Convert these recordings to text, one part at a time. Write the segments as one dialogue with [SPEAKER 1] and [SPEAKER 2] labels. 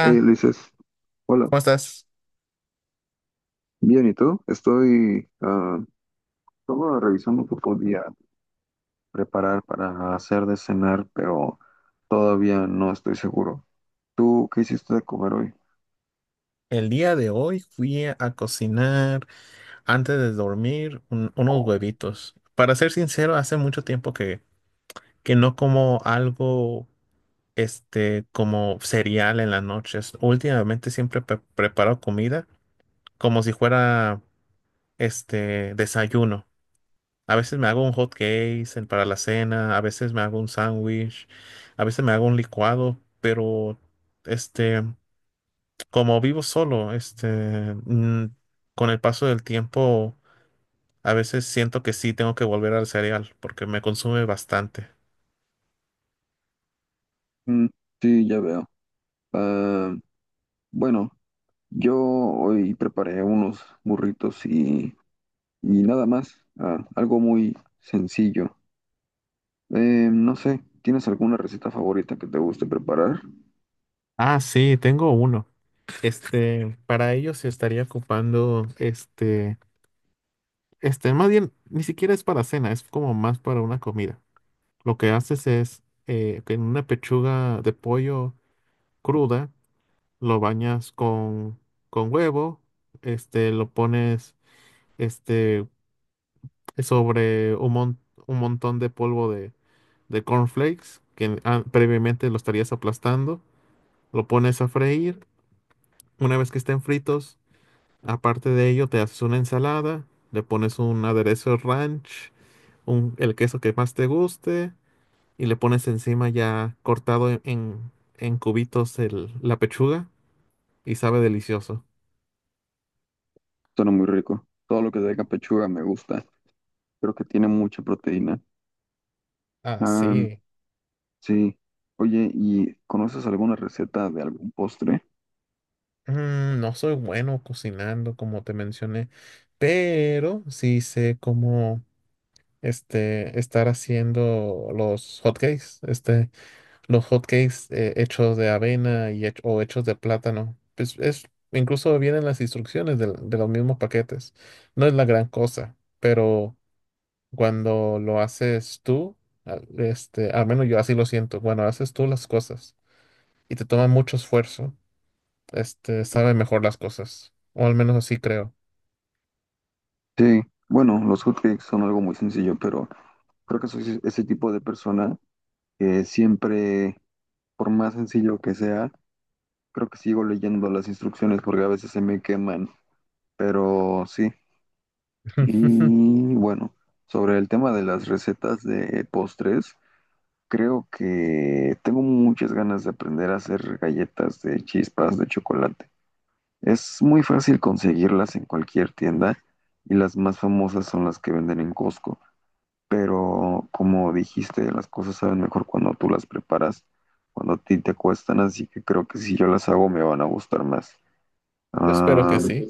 [SPEAKER 1] Hey, Ulises, hola.
[SPEAKER 2] ¿cómo estás?
[SPEAKER 1] Bien, ¿y tú? Estoy solo revisando qué podía preparar para hacer de cenar, pero todavía no estoy seguro. ¿Tú qué hiciste de comer hoy?
[SPEAKER 2] El día de hoy fui a cocinar antes de dormir unos huevitos. Para ser sincero, hace mucho tiempo que no como algo como cereal en las noches. Últimamente siempre preparo comida como si fuera desayuno. A veces me hago un hot cake para la cena, a veces me hago un sándwich, a veces me hago un licuado, pero este. como vivo solo, con el paso del tiempo, a veces siento que sí tengo que volver al cereal porque me consume bastante.
[SPEAKER 1] Mm, sí, ya veo. Ah, bueno, yo hoy preparé unos burritos y nada más. Ah, algo muy sencillo. No sé, ¿tienes alguna receta favorita que te guste preparar?
[SPEAKER 2] Ah, sí, tengo uno. Para ello se estaría ocupando, más bien, ni siquiera es para cena, es como más para una comida. Lo que haces es, que en una pechuga de pollo cruda, lo bañas con huevo, lo pones, este, sobre un, un montón de polvo de cornflakes que ah, previamente lo estarías aplastando. Lo pones a freír. Una vez que estén fritos, aparte de ello, te haces una ensalada, le pones un aderezo ranch, un, el queso que más te guste y le pones encima ya cortado en, en cubitos la pechuga y sabe delicioso.
[SPEAKER 1] Suena muy rico. Todo lo que tenga pechuga me gusta. Creo que tiene mucha proteína.
[SPEAKER 2] Ah,
[SPEAKER 1] Ah,
[SPEAKER 2] sí.
[SPEAKER 1] sí. Oye, ¿y conoces alguna receta de algún postre?
[SPEAKER 2] Mm, no soy bueno cocinando, como te mencioné, pero sí sé cómo estar haciendo los hotcakes, los hotcakes hechos de avena y o hechos de plátano. Pues es, incluso vienen las instrucciones de, los mismos paquetes. No es la gran cosa, pero cuando lo haces tú, al menos yo así lo siento, cuando haces tú las cosas y te toma mucho esfuerzo, sabe mejor las cosas, o al menos así creo.
[SPEAKER 1] Sí. Bueno, los hotcakes son algo muy sencillo, pero creo que soy ese tipo de persona que siempre, por más sencillo que sea, creo que sigo leyendo las instrucciones porque a veces se me queman. Pero sí. Y bueno, sobre el tema de las recetas de postres, creo que tengo muchas ganas de aprender a hacer galletas de chispas de chocolate. Es muy fácil conseguirlas en cualquier tienda y las más famosas son las que venden en Costco. Pero como dijiste, las cosas saben mejor cuando tú las preparas, cuando a ti te cuestan, así que creo que si yo las hago me van a gustar más.
[SPEAKER 2] Yo espero
[SPEAKER 1] Ah,
[SPEAKER 2] que sí.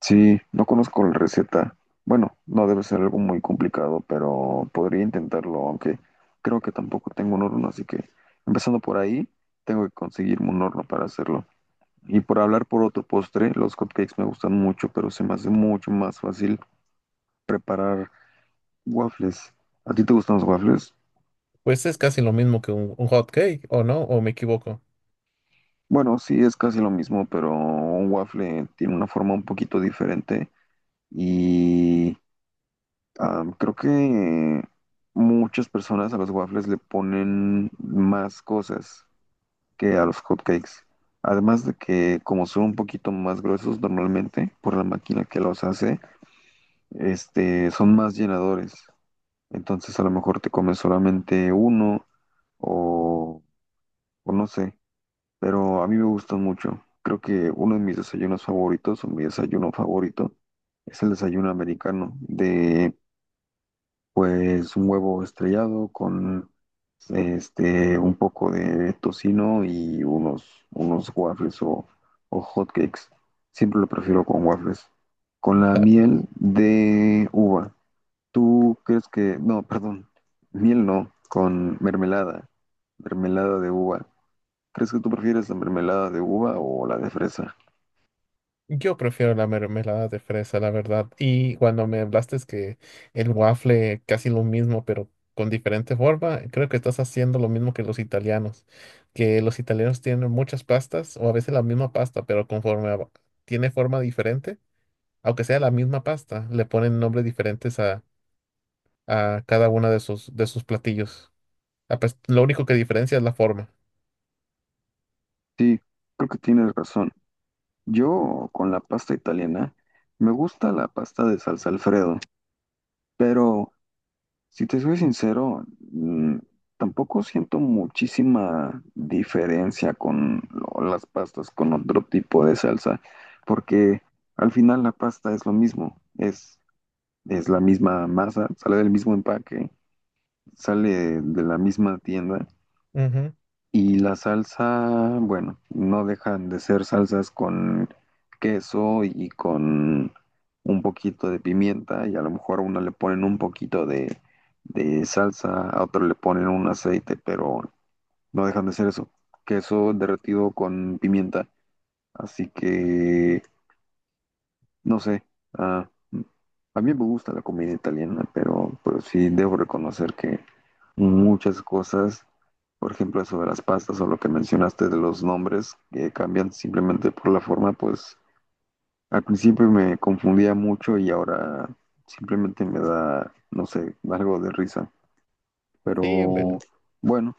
[SPEAKER 1] sí, no conozco la receta. Bueno, no debe ser algo muy complicado, pero podría intentarlo, aunque creo que tampoco tengo un horno, así que empezando por ahí, tengo que conseguirme un horno para hacerlo. Y por hablar por otro postre, los cupcakes me gustan mucho, pero se me hace mucho más fácil preparar waffles. ¿A ti te gustan los waffles?
[SPEAKER 2] Pues es casi lo mismo que un hot cake, ¿o no? ¿O me equivoco?
[SPEAKER 1] Bueno, sí, es casi lo mismo, pero un waffle tiene una forma un poquito diferente y creo que muchas personas a los waffles le ponen más cosas que a los hotcakes. Además de que como son un poquito más gruesos normalmente por la máquina que los hace, son más llenadores. Entonces a lo mejor te comes solamente uno o, o no sé, pero a mí me gustan mucho. Creo que uno de mis desayunos favoritos o mi desayuno favorito es el desayuno americano de pues un huevo estrellado con un poco de tocino y unos waffles o hot cakes. Siempre lo prefiero con waffles. Con la miel de uva. ¿Tú crees que, no, perdón, miel no, con mermelada, mermelada de uva? ¿Crees que tú prefieres la mermelada de uva o la de fresa?
[SPEAKER 2] Yo prefiero la mermelada de fresa, la verdad. Y cuando me hablaste es que el waffle casi lo mismo, pero con diferente forma, creo que estás haciendo lo mismo que los italianos tienen muchas pastas o a veces la misma pasta, pero tiene forma diferente, aunque sea la misma pasta, le ponen nombres diferentes a cada una de sus platillos. Ah, pues, lo único que diferencia es la forma.
[SPEAKER 1] Sí, creo que tienes razón. Yo con la pasta italiana, me gusta la pasta de salsa Alfredo, pero si te soy sincero, mm, tampoco siento muchísima diferencia con las pastas con otro tipo de salsa, porque al final la pasta es lo mismo, es la misma masa, sale del mismo empaque, sale de la misma tienda
[SPEAKER 2] Ujú.
[SPEAKER 1] y la salsa, bueno, no dejan de ser salsas con queso y con un poquito de pimienta y a lo mejor a una le ponen un poquito de salsa, a otro le ponen un aceite, pero no dejan de ser eso, queso derretido con pimienta. Así que no sé, ah, a mí me gusta la comida italiana, pero sí debo reconocer que muchas cosas, por ejemplo, eso de las pastas o lo que mencionaste de los nombres que cambian simplemente por la forma, pues al principio me confundía mucho y ahora simplemente me da, no sé, algo de risa.
[SPEAKER 2] Sí, ve-
[SPEAKER 1] Pero bueno,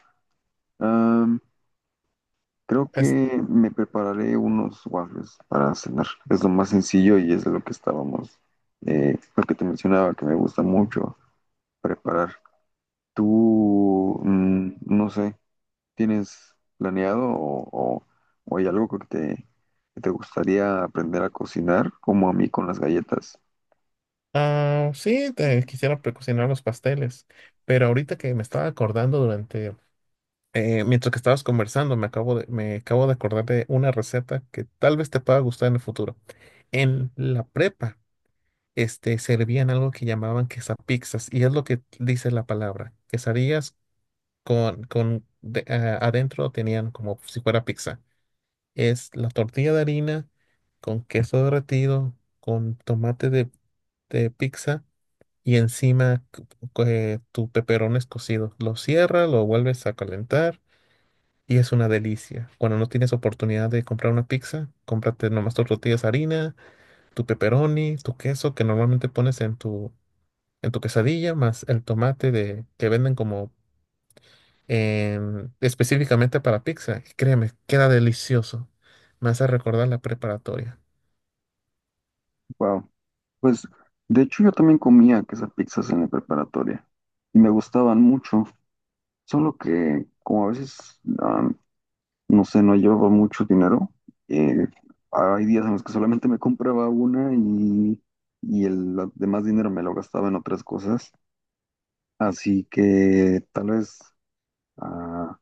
[SPEAKER 1] creo
[SPEAKER 2] es-
[SPEAKER 1] que me prepararé unos waffles para cenar. Es lo más sencillo y es de lo que estábamos, lo que te mencionaba, que me gusta mucho preparar. Tú, no sé, ¿tienes planeado o- o hay algo que que te gustaría aprender a cocinar, como a mí con las galletas?
[SPEAKER 2] Ah, sí, quisiera precocinar los pasteles, pero ahorita que me estaba acordando durante, mientras que estabas conversando, me acabo de acordar de una receta que tal vez te pueda gustar en el futuro. En la prepa, servían algo que llamaban quesapizzas, y es lo que dice la palabra, quesadillas con, ah, adentro tenían como si fuera pizza. Es la tortilla de harina con queso derretido, con tomate de pizza y encima tu peperón es cocido. Lo cierras, lo vuelves a calentar y es una delicia. Cuando no tienes oportunidad de comprar una pizza, cómprate nomás tus tortillas de harina, tu pepperoni, tu queso que normalmente pones en tu quesadilla, más el tomate de, que venden como específicamente para pizza. Y créeme, queda delicioso. Me hace recordar la preparatoria.
[SPEAKER 1] Wow. Pues, de hecho, yo también comía esas pizzas en la preparatoria y me gustaban mucho, solo que como a veces no sé, no llevaba mucho dinero. Eh, hay días en los que solamente me compraba una y el demás dinero me lo gastaba en otras cosas. Así que tal vez ah,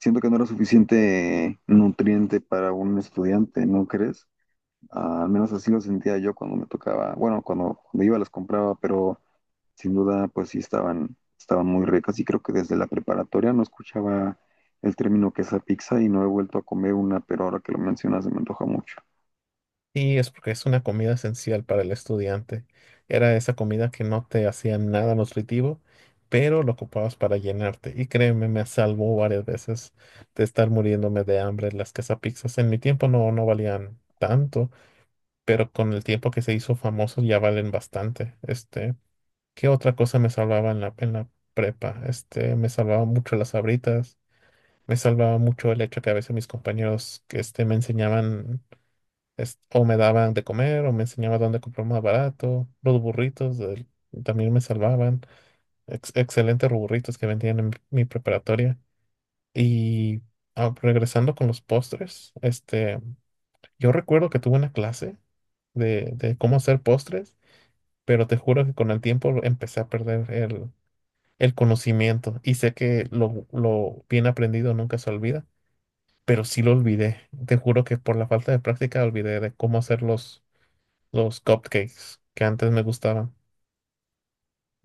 [SPEAKER 1] siento que no era suficiente nutriente para un estudiante, ¿no crees? Ah, al menos así lo sentía yo cuando me tocaba, bueno, cuando iba las compraba, pero sin duda, pues sí estaban muy ricas y creo que desde la preparatoria no escuchaba el término quesapizza y no he vuelto a comer una, pero ahora que lo mencionas se me antoja mucho.
[SPEAKER 2] Sí, es porque es una comida esencial para el estudiante. Era esa comida que no te hacía nada nutritivo, pero lo ocupabas para llenarte. Y créeme, me salvó varias veces de estar muriéndome de hambre. Las quesapizzas en mi tiempo no valían tanto, pero con el tiempo que se hizo famoso ya valen bastante. ¿Qué otra cosa me salvaba en la prepa? Me salvaba mucho las sabritas. Me salvaba mucho el hecho que a veces mis compañeros que me enseñaban o me daban de comer, o me enseñaban dónde comprar más barato. Los burritos también me salvaban. Excelentes burritos que vendían en mi preparatoria. Y ah, regresando con los postres, yo recuerdo que tuve una clase de cómo hacer postres, pero te juro que con el tiempo empecé a perder el conocimiento. Y sé que lo bien aprendido nunca se olvida, pero sí lo olvidé. Te juro que por la falta de práctica olvidé de cómo hacer los cupcakes que antes me gustaban.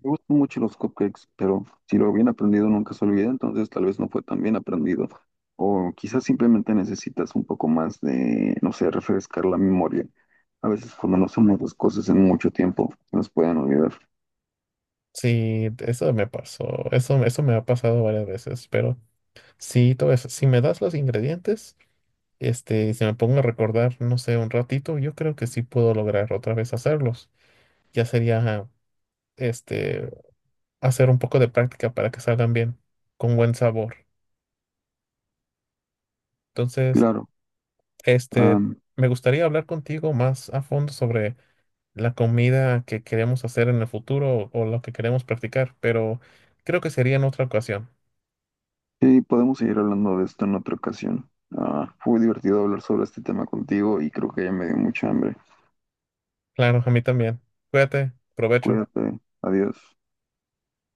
[SPEAKER 1] Me gustan mucho los cupcakes, pero si lo bien aprendido nunca se olvida, entonces tal vez no fue tan bien aprendido. O quizás simplemente necesitas un poco más de, no sé, refrescar la memoria. A veces cuando no hacemos las cosas en mucho tiempo, se nos pueden olvidar.
[SPEAKER 2] Sí, eso me pasó, eso me ha pasado varias veces, pero sí, todo eso, si me das los ingredientes, si me pongo a recordar, no sé, un ratito, yo creo que sí puedo lograr otra vez hacerlos. Ya sería, este, hacer un poco de práctica para que salgan bien, con buen sabor. Entonces,
[SPEAKER 1] Claro,
[SPEAKER 2] este,
[SPEAKER 1] am,
[SPEAKER 2] me gustaría hablar contigo más a fondo sobre la comida que queremos hacer en el futuro o lo que queremos practicar, pero creo que sería en otra ocasión.
[SPEAKER 1] sí, podemos seguir hablando de esto en otra ocasión. Ah, fue divertido hablar sobre este tema contigo y creo que ya me dio mucha hambre.
[SPEAKER 2] Claro, a mí también. Cuídate, provecho.
[SPEAKER 1] Cuídate, adiós.